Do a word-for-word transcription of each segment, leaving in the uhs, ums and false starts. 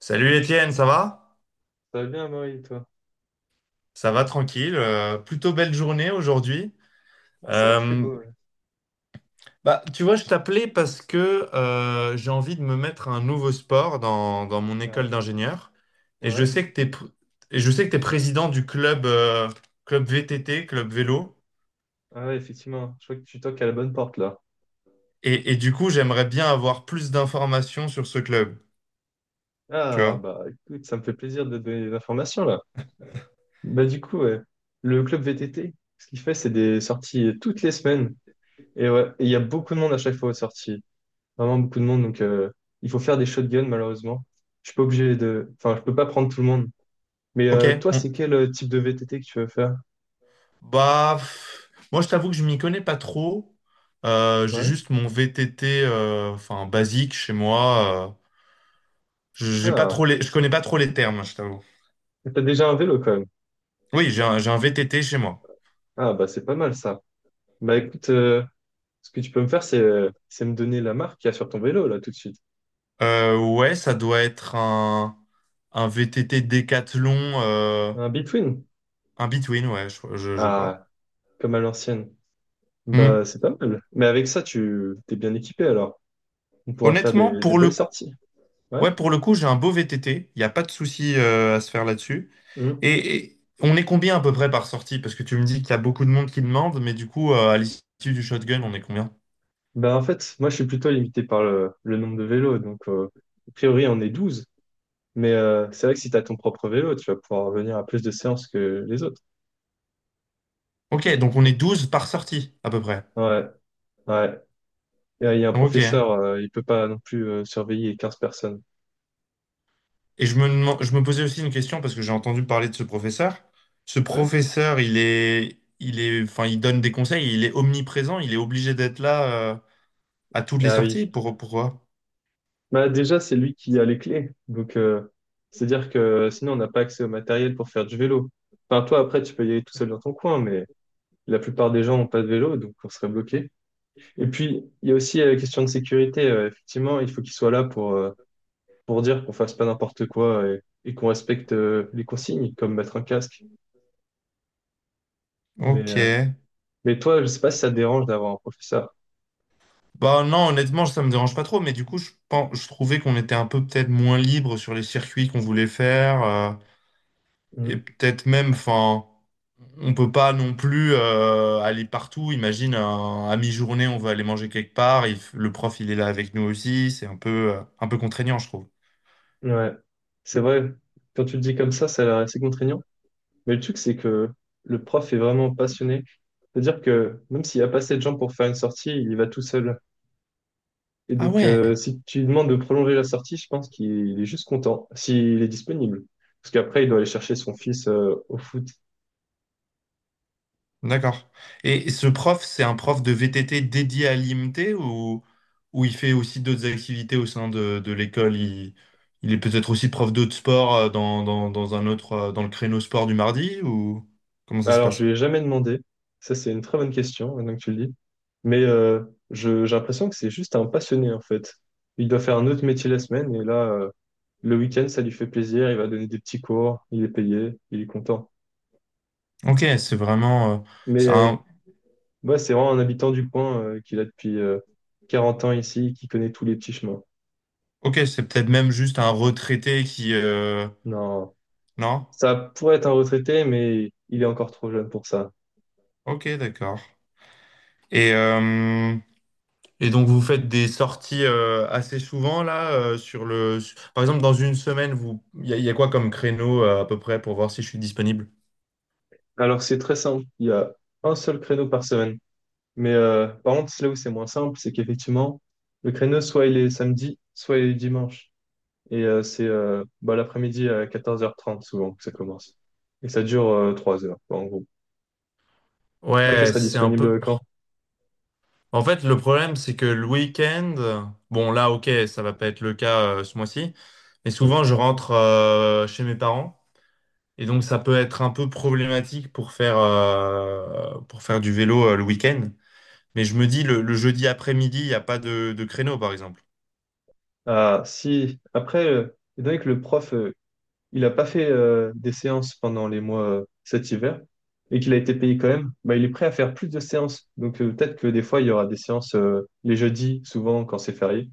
Salut Étienne, ça va? Ça va bien, Marie, toi? Ça va tranquille, euh, plutôt belle journée aujourd'hui. Ouais, c'est vrai qu'il fait Euh, beau, ouais. Bah, tu vois, je t'appelais parce que euh, j'ai envie de me mettre un nouveau sport dans, dans mon Bah ouais. école d'ingénieur. Et je Ouais. sais que t'es, pr- et je sais que t'es président du club, euh, club V T T, club vélo. Ah ouais, effectivement. Je crois que tu toques à la bonne porte, là. Et, et, du coup, j'aimerais bien avoir plus d'informations sur ce club. Tu Ah, vois? bah écoute, ça me fait plaisir de donner des informations, là. Bah du coup, ouais. Le club V T T, ce qu'il fait, c'est des sorties euh, toutes les semaines. Et ouais, et il y a beaucoup de monde à chaque fois aux sorties. Vraiment beaucoup de monde, donc euh, il faut faire des shotguns, malheureusement. Je suis pas obligé de... Enfin, je peux pas prendre tout le monde. Mais Ok? euh, toi, c'est quel euh, type de V T T que tu veux faire? Bah, pff, moi, je t'avoue que je m'y connais pas trop. Euh, j'ai Ouais. juste mon V T T, euh, enfin, basique chez moi. Euh, je j'ai pas Ah, trop les, je connais pas trop les termes, je t'avoue. t'as déjà un vélo, quand même. Oui, j'ai un, j'ai un V T T chez moi. Ah, bah c'est pas mal, ça. Bah écoute... euh, Ce que tu peux me faire, c'est euh, c'est me donner la marque qu'il y a sur ton vélo, là, tout de suite. Euh, ouais, ça doit être un, un V T T Décathlon, euh, Un Between. un Between, ouais, je, je- je crois. Ah, comme à l'ancienne. Hmm. Bah, c'est pas mal. Mais avec ça, tu t'es bien équipé, alors. On pourra faire Honnêtement, des, des pour le belles coup, sorties. Ouais. ouais, pour le coup, j'ai un beau V T T. Il n'y a pas de souci, euh, à se faire là-dessus. Mhm. Et, et on est combien à peu près par sortie? Parce que tu me dis qu'il y a beaucoup de monde qui demande, mais du coup, euh, à l'issue du shotgun, on est combien? Bah, en fait, moi, je suis plutôt limité par le, le nombre de vélos. Donc, euh, a priori, on est douze. Mais euh, c'est vrai que si tu as ton propre vélo, tu vas pouvoir venir à plus de séances que les autres. Ok, donc on est douze par sortie, à peu près. Ouais, ouais. Et, euh, Il y a un Ok. professeur, euh, il peut pas non plus euh, surveiller quinze personnes. Et je me, deman- je me posais aussi une question parce que j'ai entendu parler de ce professeur. Ce Ouais. professeur, il est, il est, enfin, il donne des conseils, il est omniprésent, il est obligé d'être là, euh, à toutes les Ah sorties. oui. Pour, pourquoi? Bah, déjà, c'est lui qui a les clés. Donc, euh, c'est-à-dire que sinon, on n'a pas accès au matériel pour faire du vélo. Enfin, toi, après, tu peux y aller tout seul dans ton coin, mais la plupart des gens n'ont pas de vélo, donc on serait bloqué. Et puis, il y a aussi euh, la question de sécurité. Euh, effectivement, il faut qu'il soit là pour, euh, pour dire qu'on fasse pas n'importe quoi et, et qu'on respecte euh, les consignes, comme mettre un casque. Mais, Ok. euh, mais toi, je sais pas si ça te dérange d'avoir un professeur. Bah non, honnêtement, ça me dérange pas trop, mais du coup, je pense, je trouvais qu'on était un peu peut-être moins libre sur les circuits qu'on voulait faire. euh, Et Mhm. peut-être même, enfin, on peut pas non plus euh, aller partout. Imagine, un- à mi-journée, on veut aller manger quelque part. Il f- le prof, il est là avec nous aussi. C'est un peu, euh, un peu contraignant, je trouve. Ouais, c'est vrai. Quand tu le dis comme ça, ça a l'air assez contraignant. Mais le truc, c'est que le prof est vraiment passionné. C'est-à-dire que même s'il n'y a pas assez de gens pour faire une sortie, il y va tout seul. Et Ah donc, euh, ouais, si tu lui demandes de prolonger la sortie, je pense qu'il est juste content, s'il est disponible. Parce qu'après, il doit aller chercher son fils euh, au foot. d'accord. Et ce prof, c'est un prof de V T T dédié à l'I M T ou, ou il fait aussi d'autres activités au sein de, de l'école? Il, il est peut-être aussi prof d'autres sports euh, dans, dans, dans un autre, euh, dans le créneau sport du mardi ou comment ça se Alors, je passe? lui ai jamais demandé. Ça, c'est une très bonne question, maintenant que tu le dis. Mais euh, je, j'ai l'impression que c'est juste un passionné, en fait. Il doit faire un autre métier la semaine, et là, euh, le week-end, ça lui fait plaisir. Il va donner des petits cours, il est payé, il est content. Ok, c'est vraiment... euh, c'est Mais. un- Moi, c'est vraiment un habitant du coin euh, qui est là depuis euh, quarante ans ici, qui connaît tous les petits chemins. Ok, c'est peut-être même juste un retraité qui... euh, Non, Non? ça pourrait être un retraité, mais il est encore trop jeune pour ça. Ok, d'accord. Et, euh, et donc vous faites des sorties euh, assez souvent là euh, sur le... su- Par exemple, dans une semaine, vous... Il y, a y a quoi comme créneau euh, à peu près pour voir si je suis disponible? Alors, c'est très simple. Il y a un seul créneau par semaine. Mais euh, par contre, c'est là où c'est moins simple, c'est qu'effectivement, le créneau, soit il est samedi, soit il est dimanche. Et euh, c'est euh, bah, l'après-midi à quatorze heures trente souvent que ça commence. Et ça dure euh, trois heures, quoi, en gros. Là, tu Ouais, serais c'est un peu... disponible quand? En fait, le problème, c'est que le week-end... Bon, là, ok, ça va pas être le cas euh, ce mois-ci. Mais souvent, je Hmm. rentre euh, chez mes parents. Et donc, ça peut être un peu problématique pour faire, euh, pour faire du vélo euh, le week-end. Mais je me dis, le, le jeudi après-midi, il n'y a pas de, de créneau, par exemple. Ah, si. Après, euh, étant donné que le prof, euh, il n'a pas fait euh, des séances pendant les mois euh, cet hiver et qu'il a été payé quand même, bah, il est prêt à faire plus de séances. Donc, euh, peut-être que des fois, il y aura des séances euh, les jeudis, souvent quand c'est férié,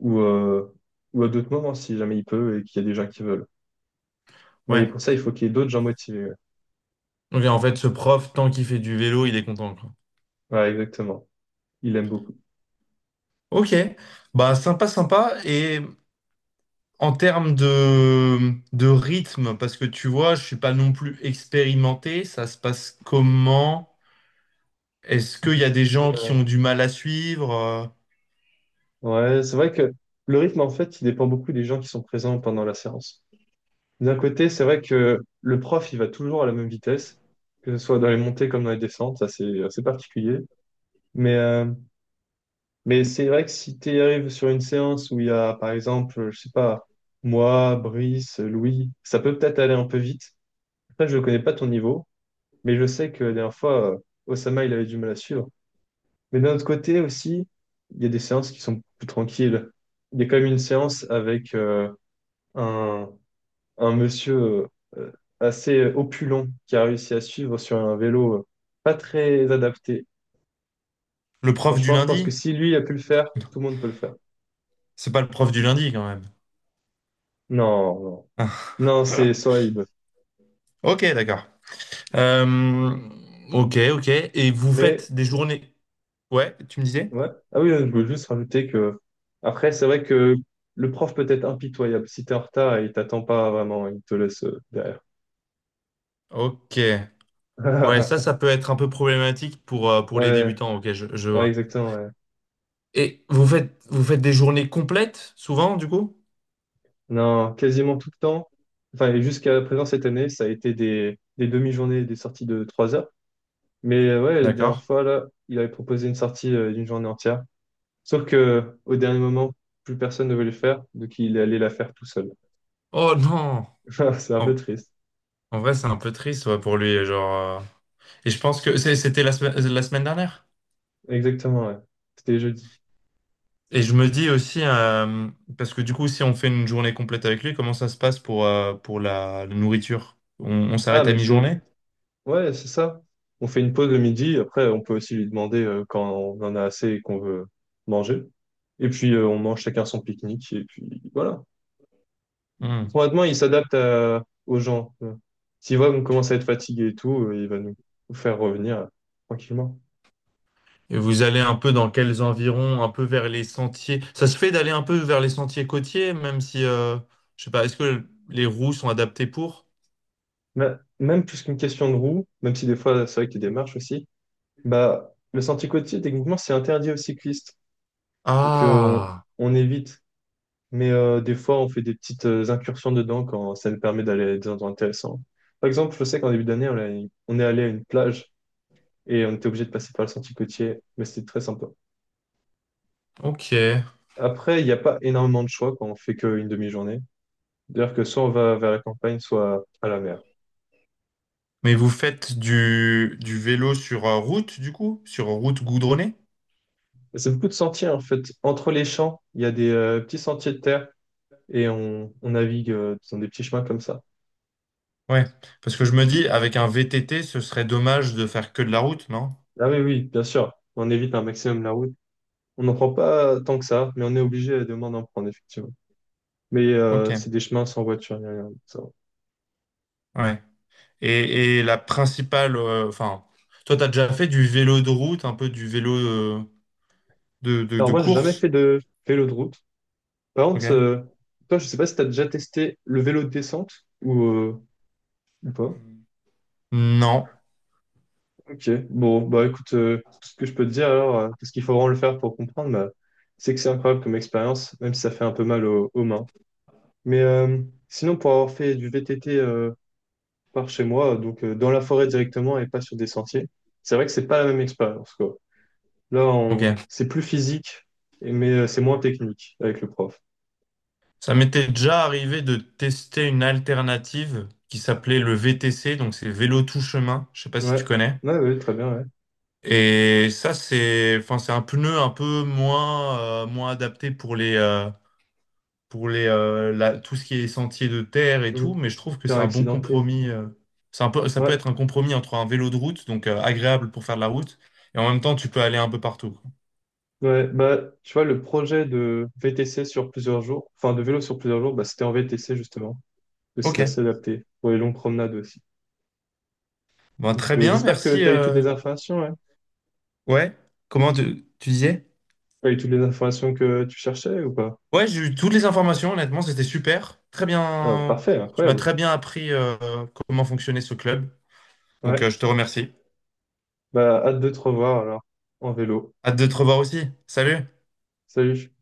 ou, euh, ou à d'autres moments si jamais il peut et qu'il y a des gens qui veulent. Mais Ouais. pour ça, il faut qu'il y ait d'autres gens motivés. Ouais, Ok, en fait, ce prof, tant qu'il fait du vélo, il est content, quoi. ouais, exactement. Il aime beaucoup. Ok. Bah, sympa, sympa. Et en termes de, de rythme, parce que tu vois, je suis pas non plus expérimenté, ça se passe comment? Est-ce qu'il y a des gens qui ont du mal à suivre? euh, Ouais, c'est vrai que le rythme, en fait, il dépend beaucoup des gens qui sont présents pendant la séance. D'un côté, c'est vrai que le prof, il va toujours à la même vitesse, que ce soit dans les montées comme dans les descentes, ça c'est assez particulier. Mais, euh, mais c'est vrai que si tu arrives sur une séance où il y a, par exemple, je sais pas, moi, Brice, Louis, ça peut peut-être aller un peu vite. Après, je ne connais pas ton niveau, mais je sais que la dernière fois, euh, Osama, il avait du mal à suivre. Mais d'un autre côté aussi, il y a des séances qui sont plus tranquilles. Il y a quand même une séance avec euh, un un monsieur euh, assez opulent qui a réussi à suivre sur un vélo euh, pas très adapté. Le Et prof du franchement, je pense que lundi? si lui a pu le faire, tout le monde peut le faire. C'est pas le prof du lundi, quand même. Non, non, Ah. non, c'est Sohaib. Ok, d'accord. Euh, ok, ok. Et vous Mais, faites des journées... Ouais, tu me disais? ouais. Ah oui, je voulais juste rajouter que, après, c'est vrai que le prof peut être impitoyable. Si t'es en retard, il t'attend pas vraiment, il te laisse euh, derrière. Ok. Ouais, ça, ça peut être un peu problématique pour, euh, pour les Ouais, débutants. Ok, je, je ouais, vois. exactement, ouais. Et vous faites, vous faites des journées complètes, souvent, du coup? Non, quasiment tout le temps. Enfin, et jusqu'à présent cette année, ça a été des, des demi-journées, des sorties de trois heures. Mais euh, ouais, la dernière D'accord. fois, là, il avait proposé une sortie euh, d'une journée entière. Sauf que au dernier moment, plus personne ne voulait le faire, donc il est allé la faire tout seul. Oh non! C'est un peu En, triste. en vrai, c'est un peu triste ouais, pour lui. Genre, euh, Et je pense que c'est- c'était la, semaine- la semaine dernière. Exactement, ouais. C'était jeudi. Et je me dis aussi, euh, parce que du coup, si on fait une journée complète avec lui, comment ça se passe pour, euh, pour la, la nourriture? On, on Ah, s'arrête à mais c'est... mi-journée? Ouais, c'est ça. On fait une pause le midi, après on peut aussi lui demander euh, quand on en a assez et qu'on veut manger. Et puis euh, on mange chacun son pique-nique, et puis voilà. Hmm. Honnêtement, il s'adapte à- aux gens. euh. S'il voit qu'on commence à être fatigué et tout, euh, il va nous nous faire revenir euh, tranquillement. Et vous allez un peu dans quels environs, un peu vers les sentiers. Ça se fait d'aller un peu vers les sentiers côtiers, même si, euh, je sais pas, est-ce que les roues sont adaptées pour? Bah, même plus qu'une question de roue, même si des fois c'est vrai qu'il y a des marches aussi, bah, le sentier côtier, techniquement, c'est interdit aux cyclistes. Donc euh, on, Ah, on évite. Mais euh, des fois, on fait des petites euh, incursions dedans quand ça nous permet d'aller à des endroits intéressants. Par exemple, je sais qu'en début d'année, on, est on est allé à une plage et on était obligé de passer par le sentier côtier, mais c'était très sympa. ok. Après, il n'y a pas énormément de choix quand on fait qu'une demi-journée. D'ailleurs que soit on va vers la campagne, soit à la mer. Mais vous faites du, du vélo sur euh, route, du coup? Sur route goudronnée? Et C'est beaucoup de sentiers en fait. Entre les champs, il y a des euh, petits sentiers de terre et on, on navigue euh, dans des petits chemins comme ça. Ouais. Parce que je me dis, avec un V T T, ce serait dommage de faire que de la route, non? Ah oui, oui, bien sûr, on évite un maximum la route. On n'en prend pas tant que ça, mais on est obligé à demain d'en prendre, effectivement. Mais Ok, euh, c'est des chemins sans voiture, ni rien. ça va. ouais. Et, et la principale, euh, enfin, toi, t'as déjà fait du vélo de route, un peu du vélo euh, de, de, Alors de moi, j'ai jamais fait course? de vélo de route. Par Ok. contre, euh, toi, je sais pas si tu as déjà testé le vélo de descente ou, euh, ou pas. Hmm. Non. Ok, bon, bah écoute, euh, tout ce que je peux te dire alors, euh, parce qu'il faut vraiment le faire pour comprendre, bah, c'est que c'est incroyable comme expérience, même si ça fait un peu mal aux, aux mains. Mais euh, sinon, pour avoir fait du V T T par chez moi, donc euh, dans la forêt directement et pas sur des sentiers. C'est vrai que c'est pas la même expérience, quoi. Là, Ok. on... c'est plus physique, et- mais euh, c'est moins technique avec le prof. Ça m'était déjà arrivé de tester une alternative qui s'appelait le V T C, donc c'est vélo tout chemin. Je sais pas si Ouais, tu connais. ouais, ouais, très bien, ouais. Et ça, c'est, enfin, c'est un pneu un peu moins, euh, moins adapté pour les, euh, pour les, euh, la- tout ce qui est sentier de terre et tout, Mm. mais je trouve que Terrain c'est un bon accidenté. compromis. euh. C'est un peu, ça peut Ouais, être un compromis entre un vélo de route, donc euh, agréable pour faire de la route, et en même temps, tu peux aller un peu partout. Quoi. ouais. Bah, tu vois, le projet de V T C sur plusieurs jours, enfin de vélo sur plusieurs jours, bah, c'était en V T C justement, que c'est Ok. assez adapté pour les longues promenades aussi. Bon, Donc, très euh, bien, j'espère que merci. tu as eu toutes euh. les informations, ouais. Ouais. Comment tu, tu disais? Tu as eu toutes les informations que tu cherchais ou pas? Ouais, j'ai eu toutes les informations, honnêtement, c'était super. Très Ah, bien. parfait, Tu m'as incroyable. très bien appris euh, comment fonctionnait ce club. Donc, euh, Ouais. je te remercie. Bah, hâte de te revoir alors, en vélo. Hâte de te revoir aussi. Salut! Salut.